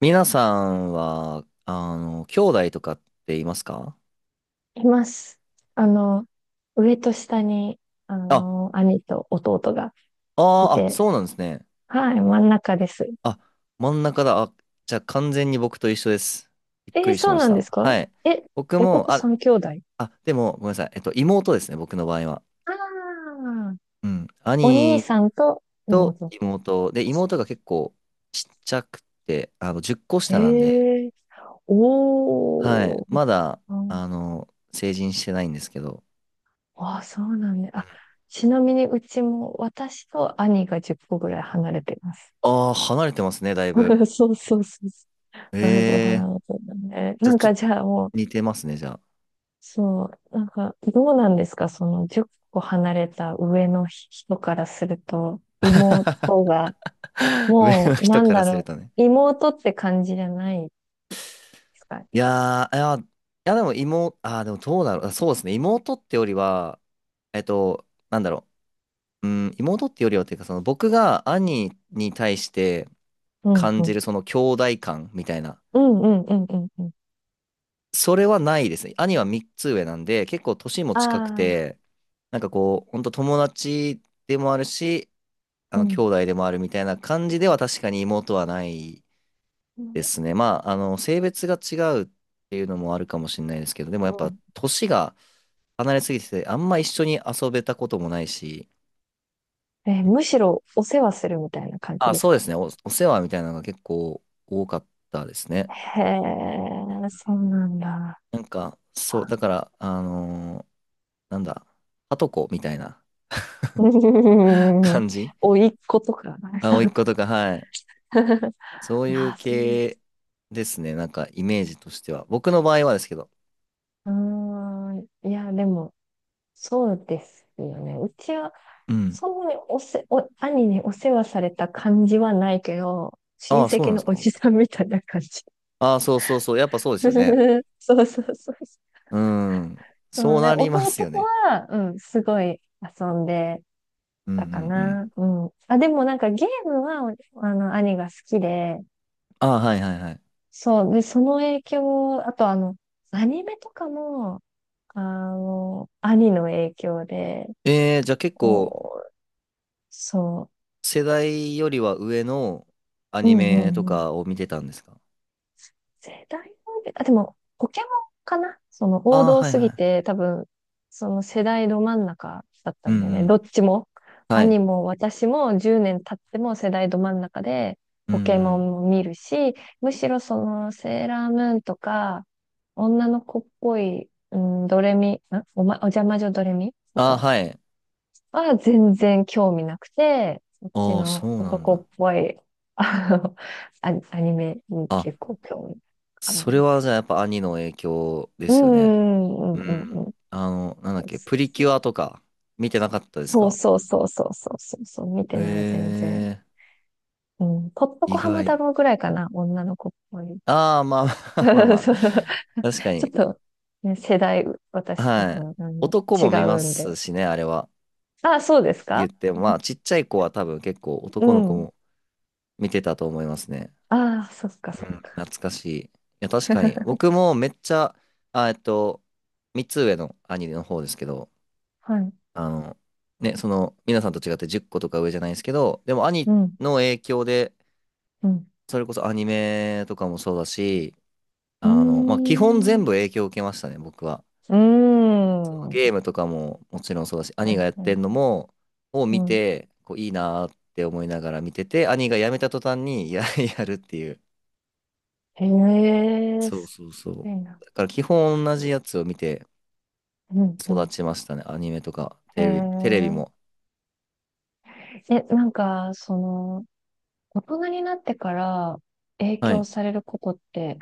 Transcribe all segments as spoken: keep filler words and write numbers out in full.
みなさんは、あの、兄弟とかっていますか？います。あの、上と下に、ああ、の、兄と弟がいあーあ、て、そうなんですね。はい、真ん中です。あ、真ん中だ。あ、じゃあ完全に僕と一緒です。びっえくーりしそうましなんた。ですか？はい。え、僕も、男あ、三兄弟あ、あ、でも、ごめんなさい。えっと、妹ですね、僕の場合は。あー、うん。お兄兄さんとと妹。妹。で、妹が結構ちっちゃくて、あの、じゅっこ下なんで、へえ、はおい。ー、まだ、あの、成人してないんですけど。ああ、そうなんだ。あ、ちなみにうちも私と兄がじゅっこぐらい離れています。ああ、離れてますね、だいぶ。そうそうそうそう。だいぶえ離え。れてるんだね。じなゃあんちょっかとじゃあもう、似てますね、じゃそう、なんか、どうなんですかそのじゅっこ離れた上の人からすると、妹が、あ。上ものう、人なんからだすろるとね。う、妹って感じじゃないですか？いやー、いや、いやでも妹、あー、でもどうだろう。あ、そうですね。妹ってよりは、えっと、なんだろう。うん、妹ってよりはっていうか、その僕が兄に対してうん感うじん。るその兄弟感みたいな。うんうんうんうんうん。それはないですね。兄はみっつ上なんで、結構年も近くああ、て、なんかこう、ほんと友達でもあるし、あうの、兄ん。弟でもあるみたいな感じでは確かに妹はないでうすね。まあ、あの、性別が違うっていうのもあるかもしれないですけど、でもやっぱ、ん。年が離れすぎてて、あんま一緒に遊べたこともないし、え、むしろお世話するみたいな感じあ、ですそうでか？すね。お、お世話みたいなのが結構多かったですね。へえ、そうなんだ。なんか、そう、だ から、あのーなんだ、はとこみたいな う ん、感じ。おいっ子とか、なあ、る甥っほ子ど。とか、はい。そういあうあ、そ系ですね。なんか、イメージとしては。僕の場合はですけど。う。うーん。いや、でも、そうですよね。うちは、うん。そうね、おせ、お、兄にお世話された感じはないけど、親ああ、そうな戚んでのすおか。じさんみたいな感じ。ああ、そうそうそう。やっぱそうですそうよね。そうそうそう。うん。なそのうで、なりま弟すとよね。は、うん、すごい遊んでうんたかうんうん。な。うん。あ、でもなんかゲームは、あの、兄が好きで、ああ、はいはいはい。そう。で、その影響、あとあの、アニメとかも、あの、兄の影響で、えー、じゃあ結構お、そ世代よりは上のアう。うニんうメとんうん。かを見てたんですか？世代のべあ、でも、ポケモンかな、その王ああ道ー、はいすはぎい。て、多分、その世代ど真ん中だったうんんだようね。どん。っちも。はい。兄も私もじゅうねん経っても世代ど真ん中で、うんうポケモンん。も見るし、むしろそのセーラームーンとか、女の子っぽい、うん、ドレミ、んおま、お邪魔女ドレミとああ、かはい。は全然興味なくて、そっちああ、そのうなん男だ。っぽい、あの、アニアニメにあ、結構興味かな。それはじゃあやっぱ兄の影響でうすよね。ん、うん、ううん、うん。うん。ん、あの、なんだっけ、プリキュアとか見てなかったですそうか？そうそうそうそうそうそうそう、見てない、全然。えうん。ポットー、コ意ハム外。太郎ぐらいかな、女の子っぽい。ああ、まあまあまあ まそうそう、あ。確かちょっに。と、ね、世代、私多はい。分、あの、男違も見まうんで。すしね、あれは。あ、そうです言か？っても、まあ、ちっちゃい子は多分結構う男の子ん。うん、も見てたと思いますね。ああ、そっかうそん、っ懐か。かしい。いや、確かに。僕もめっちゃ、あ、えっと、みっつ上の兄の方ですけど、はい。あの、ね、その、皆さんと違ってじゅっことか上じゃないですけど、でも兄うん、の影響で、うん。それこそアニメとかもそうだし、うあの、まあ、基本ーん。全部影響を受けましたね、僕は。うーん。はゲームとかももちろんそうだし、兄い、がやっはてい。んのも、をう見ん。て、こういいなーって思いながら見てて、兄がやめた途端にや、やるっていう。へえ、そうすそうそごいな。う。だから基本同じやつを見てうん、う育ん。ちましたね。アニメとか、へテレビ、テレビえ。も。え、なんか、その、大人になってから影は響い。されることって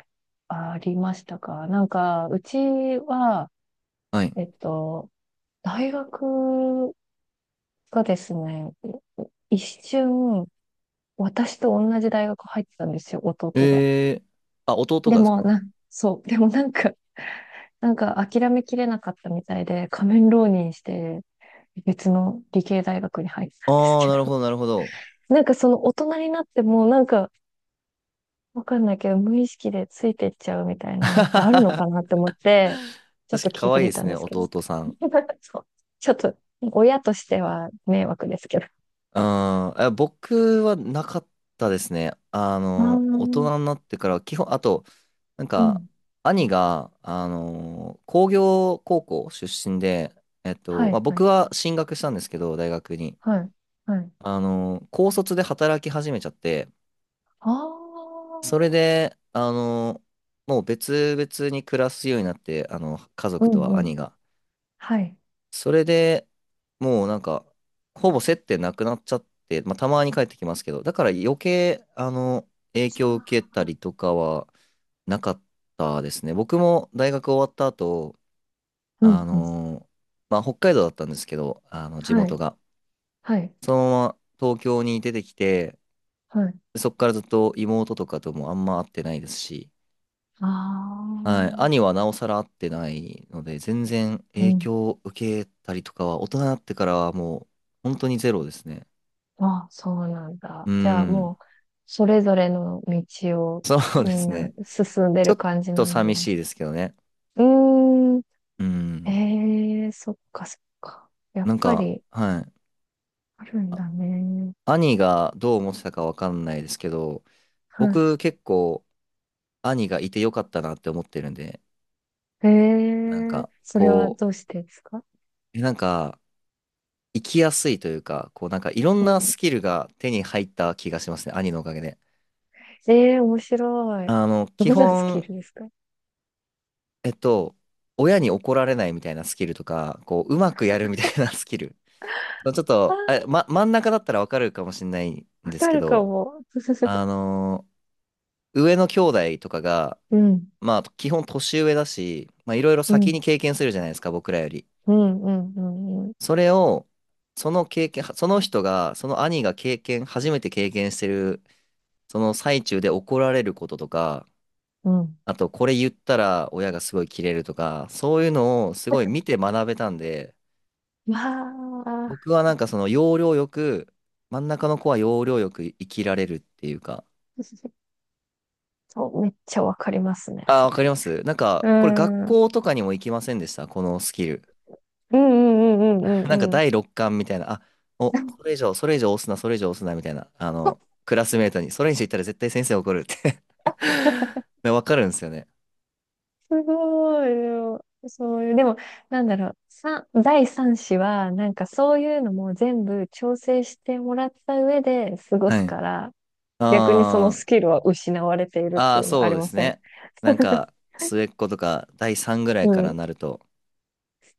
ありましたか？なんか、うちは、はい。えっと、大学がですね、一瞬、私と同じ大学入ってたんですよ、弟が。えー、あ、弟でがですも、か？な、そう、でもなんか、なんか諦めきれなかったみたいで、仮面浪人して、別の理系大学に入ってたんですああー、けなど。るほど、なるほど。なんかその大人になっても、なんかわかんないけど、無意識でついてっちゃうみたい なのってある確のかかなって思って、ちょっと聞可いて愛いでみたすんね、ですけど。弟さん。そう。ちょっと、親としては迷惑ですけど。うん、え僕はなかったですね。あああ、うの、大ん。人になってから、基本、あと、なんか、兄が、あのー工業高校出身で、えっはと、まあ、い、は僕い、は進学したんですけど、大学に。はい、はい。あのー高卒で働き始めちゃって、あそれあ、で、あのーもう別々に暮らすようになって、あの、家う族とん、はうん。兄が。はい、それでもうなんか、ほぼ接点なくなっちゃって、まあ、たまに帰ってきますけど、だから余計、あの、影響を受けたりとかはなかったですね。僕も大学終わった後、うあん、うん。のーまあ、北海道だったんですけど、あの、地は元い、が。はい、そのまま東京に出てきて、はい。そっからずっと妹とかともあんま会ってないですし、あはい、あ、兄はなおさら会ってないので、全然う影ん。響を受けたりとかは、大人になってからはもう、本当にゼロですね。ああ、そうなんうだ。じゃあん、もう、それぞれの道をそうでみんすなね。進んでちょるっ感じなとんだ。寂しいですけどね。うーん。うん、ええ、そっかそっか。やっなんぱか、りはい。あるんだね。兄がどう思ってたかわかんないですけど、はい。僕結構兄がいてよかったなって思ってるんで、えなんえ、か、それはこどうしてですか？う、えなんか、生きやすいというか、こう、なんか、いろんうなスん。キルが手に入った気がしますね、兄のおかげで。ええ、面白い。あの、ど基んなスキ本、ルですか？えっと、親に怒られないみたいなスキルとか、こう、うまくやるみたいなスキル。ちょっあと、あ、あま、真ん中だったらわかるかもしれないんー、わですかけるかど、も。あの、上の兄弟とかが、うん、まあ、基本年上だし、まあ、いろいろう先にん、経験するじゃないですか、僕らより。うん、うん、うん、うん。それを、その経験、その人が、その兄が経験、初めて経験してる、その最中で怒られることとか、うん。 あと、これ言ったら親がすごいキレるとか、そういうのをすごい見 て学べたんで、わあ、僕はなんかその要領よく、真ん中の子は要領よく生きられるっていうか、そう、めっちゃわかりますね、ああ、そわかりれ。ますなんうか、これ学ん。うん校とかにも行きませんでしたこのスキル？うんうんうんうなんかんうん。 だいろっかんみたいな、あ、お、それ以上、それ以上押すな、それ以上押すな、みたいな、あの、クラスメートに、それ以上言ったら絶対先生怒るって でわかるんですよね。すごい。でもそういう、でも、なんだろう、さだいさん子は、なんかそういうのも全部調整してもらった上で過ごはすい。から、逆にそのあスーキルは失われているっあてー、いうのはあそうりでますせん？ね。なん か、末っ子とか、だいさんぐらいうからん。なると、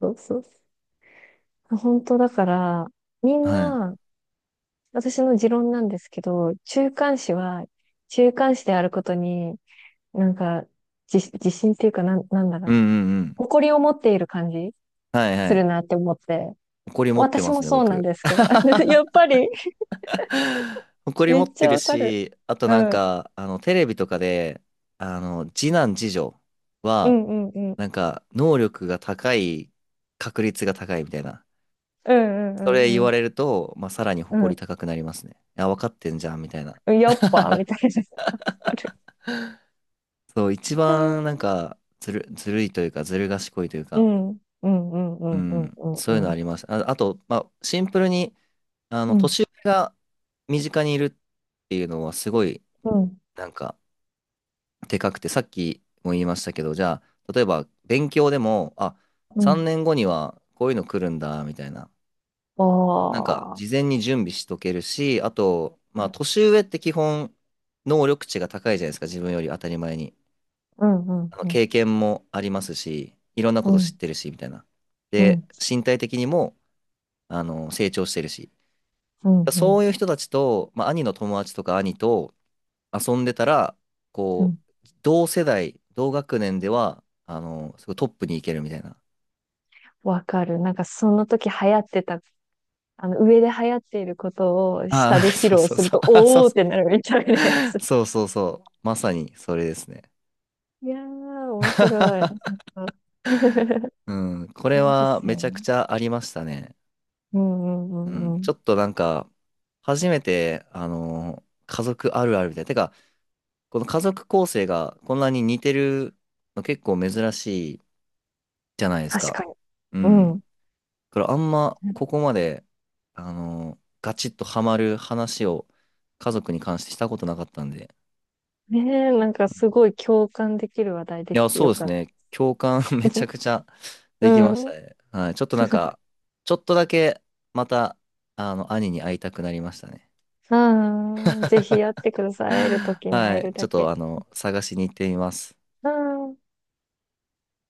そうそう。本当だから、みんはい。な、私の持論なんですけど、中間子は、中間子であることに、なんか、自、自信っていうか、なん、なんだろうんう、うんうん。誇りを持っている感じはいすはるい。なって思って。怒り持って私ますもね、そうなん僕。ですけど。やっぱり、誇りめ持っっちてゃるわかる。し、あとうなんん。か、あの、テレビとかで、あの、次男次女うは、んうんうん。なんか、能力が高い、確率が高いみたいな。うんうそれんう言んわうれると、まあ、さらに誇ん。り高くなりますね。いや、分かってんじゃん、みたいな。うん。やっぱ、みたいな。わかる。そう、一う番なんん。か、ずる、ずるいというか、ずる賢いといううか、んうんうんううんうん、そういうんうのあん。ります。あ、あと、まあ、シンプルに、あうの、ん。年上が身近にいるっていうのは、すごい、うんなんか、でかくて、さっきも言いましたけど、じゃあ、例えば勉強でも、あ、う3ん。年後にはこういうの来るんだ、みたいな。あなんか、あ。事前に準備しとけるし、あと、まあ、年上って基本、能力値が高いじゃないですか、自分より当たり前に。うんうあんのうん経験もありますし、いろんなこうと知っんてるし、みたいな。うで、ん身体的にも、あの、成長してるし。うんうそんういう人たちと、まあ、兄の友達とか兄と遊んでたら、うこん、う、同世代、同学年では、あの、すごいトップに行けるみたいな。わかる。なんかその時流行ってた、あの上で流行っていることをあ下あ、で 披そう露そうするそう。と、あ、そうおーっそう。てなるみたいなやつ。そうそうそう。まさにそれですね。いやー、面白い。本当。 いいうん、これではすめよちゃくね。ちゃありましたね。うんううんうん、んうちん。ょっとなんか、初めて、あの、家族あるあるみたいな。てか、この家族構成がこんなに似てるの結構珍しいじゃないです確か。かに。ううん。ん。からあんまここまで、あの、ガチッとハマる話を家族に関してしたことなかったんで。ねえ、なんかすごい共感できる話題いできや、てそようでかすっね。共感 た。めちゃ くちゃうできましたん。ね。はい。ちょっとなんか、ちょっとだけまた、あの、兄に会いたくなりましたね。うん。ぜひ会ってください。会えると きに会はえい。るちょだっとけ。あの、探しに行ってみます。うん。